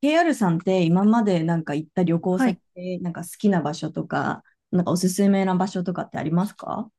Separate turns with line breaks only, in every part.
KR さんって今まで行った旅行
は
先
い。
で好きな場所とか、おすすめな場所とかってありますか？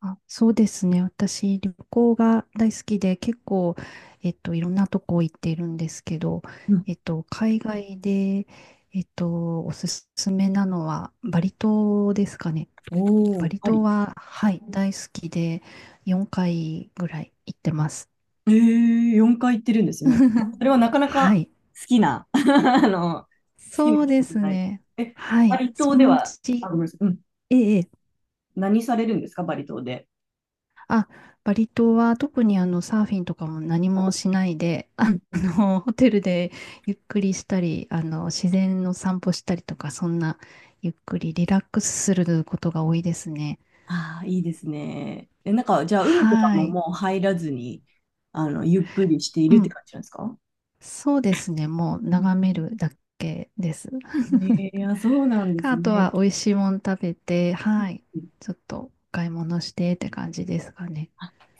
あ、そうですね。私、旅行が大好きで、結構、いろんなとこ行っているんですけど、
うん、
海外で、おすすめなのは、バリ島ですかね。
お
バ
ー
リ
パ
島
リ。
は、はい、大好きで、4回ぐらい行ってます。
えー、4回行ってるんですね。それ はなかな
は
か
い。
好きな、好きな
そうで
人じゃ
す
ない。
ね。
え、
は
バ
い。
リ島
そ
で
のう
は、あ、
ち、
ごめんなさい。うん。
ええ、ええ
何されるんですか、バリ島で。
あ、バリ島は特にサーフィンとかも何もしないで、
うんうん。
ホテルでゆっくりしたり、あの、自然の散歩したりとか、そんな、ゆっくりリラックスすることが多いですね。
ああ、いいですね。え、じゃあ、海とか
は
も
い。
もう入らずに、あの、ゆっくりしてい
う
るって
ん。
感じなんですか？
そうですね。もう
うん。
眺めるだけです。
えー、あ、そうなんで
か、
す
あとは
ね。
美味しいもの食べて、
う
はい。
ん。
ちょっとお買い物してって感じですかね。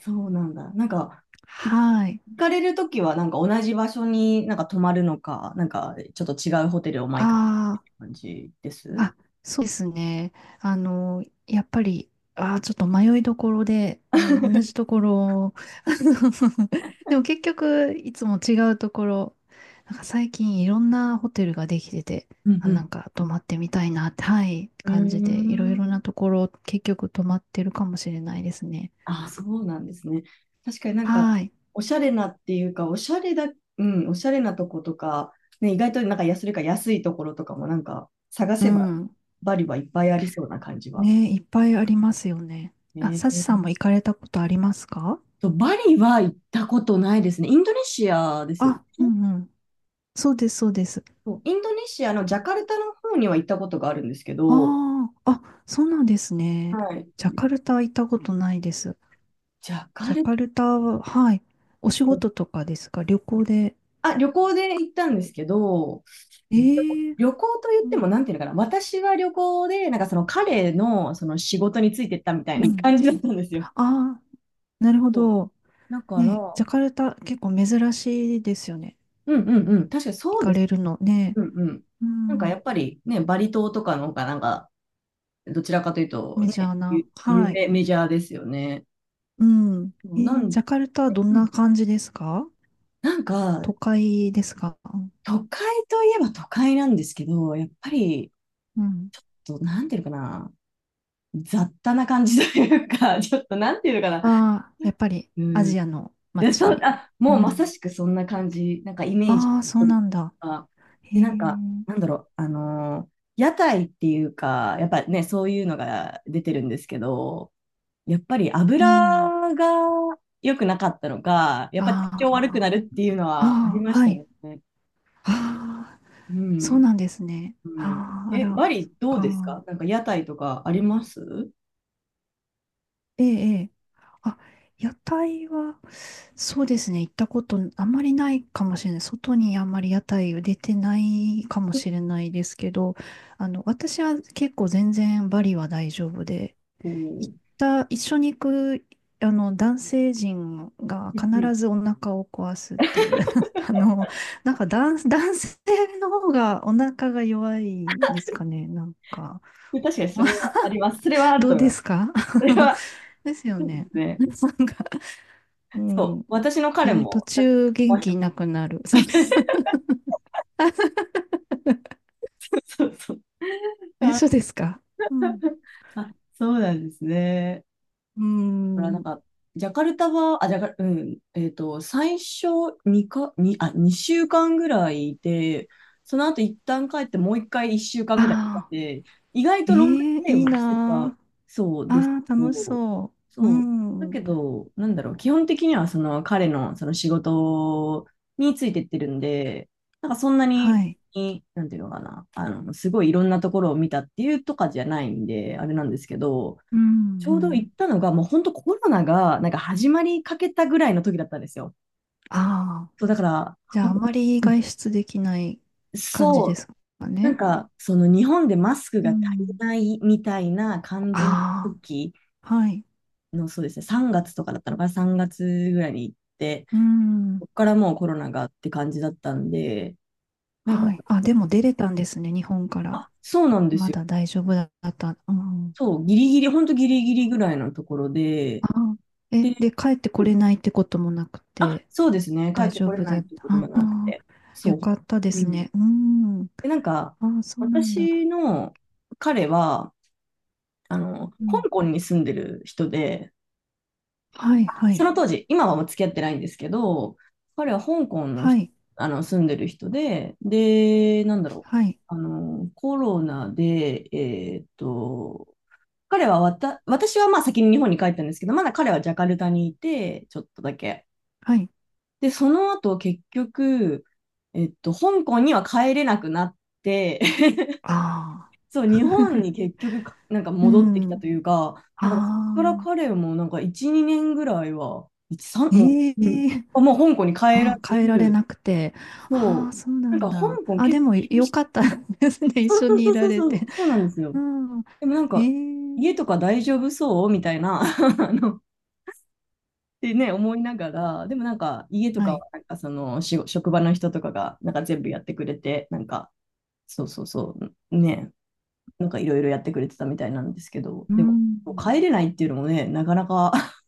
そうなんだ。
はい。
行かれるときは、同じ場所に泊まるのか、ちょっと違うホテルを毎回って
ああ。
感じです。
あ、そうですね。あの、やっぱり、ちょっと迷いどころで、うん、同じところ、あの でも結局、いつも違うところ、なんか最近いろんなホテルができてて、
うん
あ、
う
な
ん。
んか泊まってみたいなって、はい、
うー
感じで、いろいろ
ん。
なところ、結局泊まってるかもしれないですね。
あ、そうなんですね。確かに
はい。
おしゃれなっていうか、おしゃれだ、うん、おしゃれなとことか、ね、意外と安それか安いところとかも探
う
せば、
ん。
バリはいっぱいありそうな感じは。
ね、いっぱいありますよね。あ、
え
サチさん
ー
も行かれたことありますか？
バリは行ったことないですね。インドネシアですよね。
あ、うんうん。そうです、そうです。
そうインドネシアのジャカルタの方には行ったことがあるんですけど、
ああ、あ、そうなんですね。
はい。
ジャカルタ行ったことないです。
ジャカ
ジャ
ル
カルタは、はい。お仕
タ、
事とかですか、旅行で。
あ、旅行で行ったんですけど、でも
ええ、
旅行と言っ
う
ても、
ん。
なんていうのかな、私は旅行で、その彼のその仕事についてったみたい
う
な
ん。
感じだったんですよ。
ああ、なるほ
そ
ど。
うだから、
ね、
う
ジャ
ん。
カルタ結構珍しいですよね。
うんうん、確かに
行
そう
か
です。
れるのね。
うんうん。
う
や
ん。
っぱりね、バリ島とかの方がなんか、どちらかというと
メジャ
ね、
ーな。
有
はい。
名、メジャーですよね。
うん。
そ
え
うな
ー、
ん、
ジャカルタはどん
う
な
ん、
感じですか？
なんか、
都会ですか？
都会といえば都会なんですけど、やっぱり、
うん。
なんていうのかな、雑多な感じというか、ちょっとなんていうのかな、
ああ、やっぱり
う
ア
ん、
ジアの
でそう、
街。
あ、
う
もうまさ
ん。
しくそんな感じ、なんかイメージ
ああ、そうなんだ。
が、
へ
で、
え、
なんだろう、屋台っていうか、やっぱね、そういうのが出てるんですけど、やっぱり
うん。
油が良くなかったのか、やっぱ体
あ
調悪く
あ、
なるっていうのはあり
ああ、
まし
は
た
い。
ね。
ああ、
う
そう
ん。
なんですね。
うん。
ああ、あ
え、
ら、
バ
そっ
リどうです
か。
か？なんか屋台とかあります？
ええ、ええ。あ、屋台は、そうですね、行ったことあんまりないかもしれない。外にあんまり屋台を出てないかも
結
しれないですけど、あの、私は結構全然バリは大丈夫で、行
構
った一緒に行く男性陣が
うんうん。
必ずお腹を壊すっていう あの、なんか男性の方がお腹が弱いんですかね、なんか、
確かにそれはあります。それはある
ど
と
う
思い
で
ます。
すか？
それ は、
ですよ
そうで
ね。
す
な
ね。
んか、う
そう。
ん、
私の
え
彼
ー途
も、確か
中元気なくなる
に
そう、
そうそう。
え
あ、
そう ですか？うん、
あそうなんですね。
う
ほら、
ん、
ジャカルタは、あ、ジャカル、最初2か、にあ、2週間ぐらいいて、その後一旦帰ってもう一回1週間ぐらい
ああ、
で意外
え
とロングス
ー、
テイ
い
を
い
してた
な、
そう
あ
です
ああ
け
楽し
ど、
そう、う
そう。だ
ん、
けど、なんだろう、基本的にはその彼のその仕事についてってるんで、なんかそんなに、
はい、
なんていうのかな、あの、すごいいろんなところを見たっていうとかじゃないんで、あれなんですけど、
う
ち
ん
ょ
う
うど
ん、
行ったのが、もう本当コロナがなんか始まりかけたぐらいの時だったんですよ。
ああ、
そう、だから、
じゃ
ほ
ああ
んと。
まり
うん。
外出できない感じ
そ
で
う、
すかね。
その日本でマスク
う
が足り
ん。
ないみたいな感じの
あ
時
あ、はい。
の、そうですね、3月とかだったのかな、3月ぐらいに行って、
うん。
そこからもうコロナがって感じだったんで、なんか、
はい。あ、でも出れたんですね、日本から。
あ、そうなんで
ま
すよ。
だ大丈夫だった。うん。
そう、ギリギリ、本当ギリギリぐらいのところで、
ああ、え、
で、
で、帰ってこ
う
れ
ん、
ないってこともなく
あ、
て、
そうですね、帰っ
大
て
丈
これ
夫
な
だ
い
っ
って
た。
こと
あ
もなく
あ、
て、そ
よ
う。
かったで
う
す
ん。
ね。うん。
で、
ああ、そうなんだ。
私の彼は、あの、
う
香
ん。
港に住んでる人で、
はい、は
そ
い。
の当時、今はもう付き合ってないんですけど、彼は香港の
は
人、
い、
あの、住んでる人で、で、なんだろう、
はい、
あの、コロナで、彼は私はまあ先に日本に帰ったんですけど、まだ彼はジャカルタにいて、ちょっとだけ。
はい。
で、その後結局、香港には帰れなくなって、
あ
そ
あ。
う、日本に 結局なんか
う
戻ってきた
ん。
というか、
あ
だからそこから
あ。
彼も1、2年ぐらいは、1、3、もう、
え
うん、
え
あもう香港に帰ら
あ、変えられ
ず、
なくて。ああ、
そ
そうな
う、な
ん
んか
だ。
香港
あ、
結
で
構
も
厳
よ
しい。
かった
うん。
ですね。一
そう
緒にい
そう
ら
そう
れ
そう、そ
て。
うそうなんですよ。
うん。
でもなん
え
か、
え、
家とか大丈夫そうみたいな、あの、ってね、思いながら、でもなんか、家とか
は
は、
い。
なんかその、職場の人とかが、なんか全部やってくれて、なんか、そうそうそう、ね、なんかいろいろやってくれてたみたいなんですけど、
う
でも、
ん。
帰れないっていうのもね、なかなか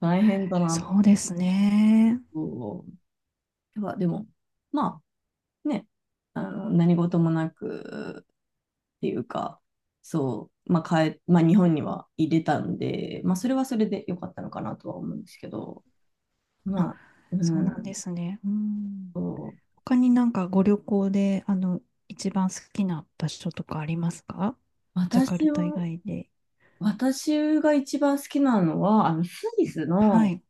大変だな
そうですね。
と。やっでも、まあね、あの何事もなくっていうか、そう、まあ帰まあ、日本には入れたんで、まあ、それはそれで良かったのかなとは思うんですけど、
あ、
まあ、う
そうなん
ん
で
と、
すね。うん。
そう
他になんかご旅行で、あの、一番好きな場所とかありますか？ジャカル
私
タ以
を、
外で。
私が一番好きなのは、あのスイス
は
の、
い。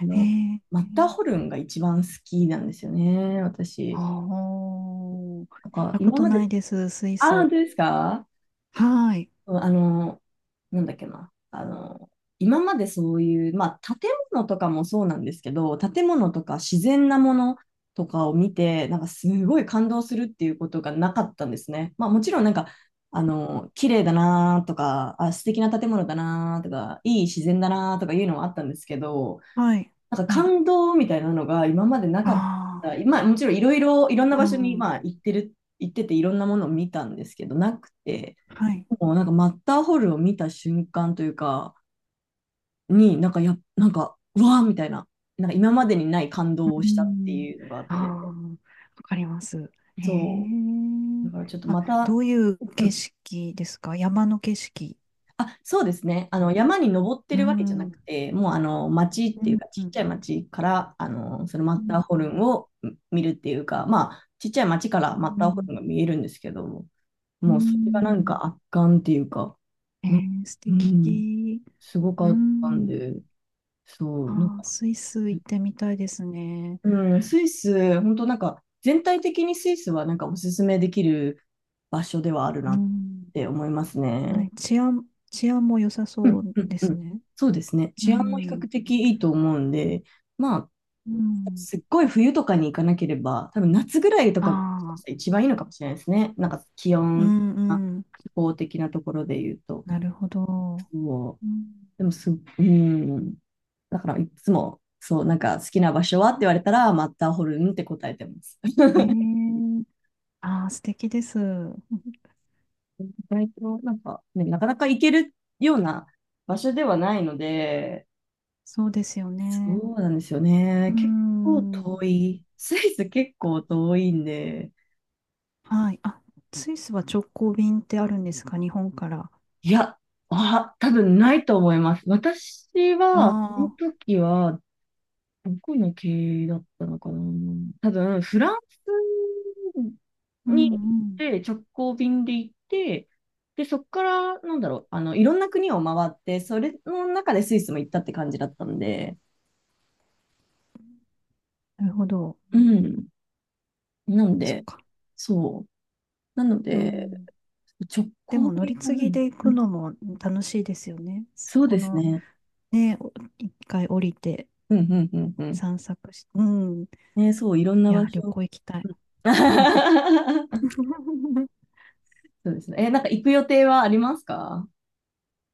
あの
え
マッターホ
え、
ルンが一番好きなんですよね、
あ
私。
あ、行
なん
っ
か、
たこ
今
と
ま
な
で、
いです、スイ
ああ、
ス。
本当ですか？
はい。
うん。あの、なんだっけな。あの、今までそういう、まあ、建物とかもそうなんですけど、建物とか自然なものとかを見て、なんかすごい感動するっていうことがなかったんですね。まあ、もちろんなんか、あの、綺麗だなとか、あ、素敵な建物だなとか、いい自然だなとかいうのはあったんですけど、
はい。
なんか
はい。
感動みたいなのが今までなかっ
あ
た。
あ。
まあもちろんいろんな
う
場所に
ん。
まあ行ってていろんなものを見たんですけど、なくて、
はい。
もうなんかマッターホルを見た瞬間というか、になんかや、なんか、うわーみたいな、なんか今までにない感動を
う
したって
ん。
いうのがあっ
ああ、
て、
わかります。へ
そ
え。
う。だからちょっと
あ、
また、
どういう
う
景
ん。
色ですか、山の景色。
あ、そうですね。あ
う
の、
ん。
山に登って
う
るわけじゃ
ん。
なく
う
て、もうあの、町っていう
ん。
か、
う
ちっち
ん。
ゃい町から、あの、そのマッ
う
ターホル
ん。
ンを見るっていうか、まあ、ちっちゃい町から
う
マッターホル
ん、
ンが見えるんですけど、
う
もうそれがなん
ん、
か圧巻っていうか、
え
な
ー、素
うん、
敵。
すご
う
かったん
ん。
で、そう、なん
あー
か、
スイス行ってみたいですね。
うん、スイス、本当なんか、全体的にスイスはなんかおすすめできる場所ではある
う
なっ
ん。
て思います
は
ね。
い。治安も良さ
う
そ
ん
う
うん
で
う
す
ん。
ね。
そうですね。
う
治安も比
ん。
較的いいと思うんで、まあ、
うん。
すっごい冬とかに行かなければ、多分夏ぐらいとかが
ああ。
一番いいのかもしれないですね。なんか気
う
温、
ん、う
あ
ん、
気候的なところで言うと。
なるほど。
そう。
うん、
でもす、うん。だからいつも、そう、なんか好きな場所はって言われたら、マッターホルンって答えてます。
ええ、ああ、素敵です。
意外と、なんかね、なかなか行けるような場所ではないので、
そうですよね。
そうなんですよ
う
ね。
ー
結構遠
ん。
い。スイス結構遠いんで。
はい。あ、スイスは直行便ってあるんですか、日本から。あ
いや、あ、多分ないと思います。私は、その
あ、
時は、どこの経由だったのかな。多分、フランス
う
に行っ
んうん。
て、直行便で行って、で、そこから、なんだろう、あの、いろんな国を回って、それの中でスイスも行ったって感じだったんで、
なるほど。
うん。なん
そっ
で、
か。
そう。なの
う
で、
ん。
直
で
行
も乗
便
り
は
継ぎ
何
で行
う
く
ん、
のも楽しいですよね。そ
そう
こ
です
の、
ね。
ね、お一回降りて
うんうんうんうん。
散策して、うん。い
ね、そう、いろんな場
や、旅
所。
行行きたい。
うん。 そうですね。え、なんか行く予定はありますか？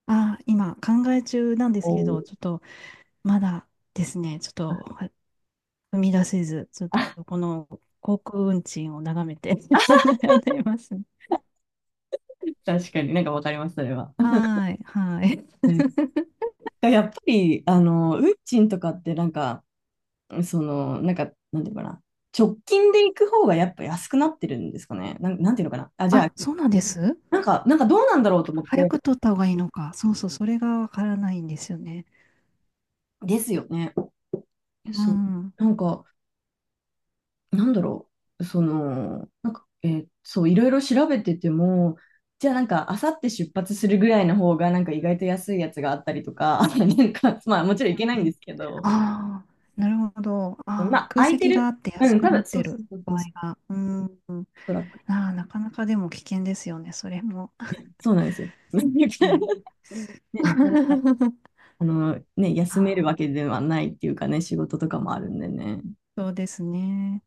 ああ、今考え中なんで
お
すけ
ー。
ど、ちょっとまだですね、ちょっ
あ、
とは踏み出せず、ちょっとこの航空運賃を眺めて 悩んでいます。
確かになんかわかります、それは。
はーい、はーい。
うん、やっぱり、あの、運賃とかってなんか、その、なんか、なんていうのかな。直近で行く方がやっぱ安くなってるんですかね。なんていうのかな。あ、じゃあ、
あ、そうなんです。
なんかどうなんだろうと思っ
早
て。
く取った方がいいのか。そうそう、それがわからないんですよね。
ですよね。
う
そう。
ん。
なんか、なんだろう、その、なんか、そう、いろいろ調べてても、じゃあなんか、あさって出発するぐらいの方が、なんか意外と安いやつがあったりとか、なんか、まあもちろんいけないんですけど、
ああ、なるほど。
ま
ああ、
あ
空
空いて
席があ
る、
って
う
安
ん、
く
多
な
分、
っ
そ
て
うそ
る
うそ
場
う
合
そう、
が。うん。
トラック。
ああ、なかなかでも危険ですよね、それも。
いやそうなんですよ。
ええ。
ね、なかなか、あの、ね、休める
ああ、
わけではないっていうかね、仕事とかもあるんでね。
そうですね。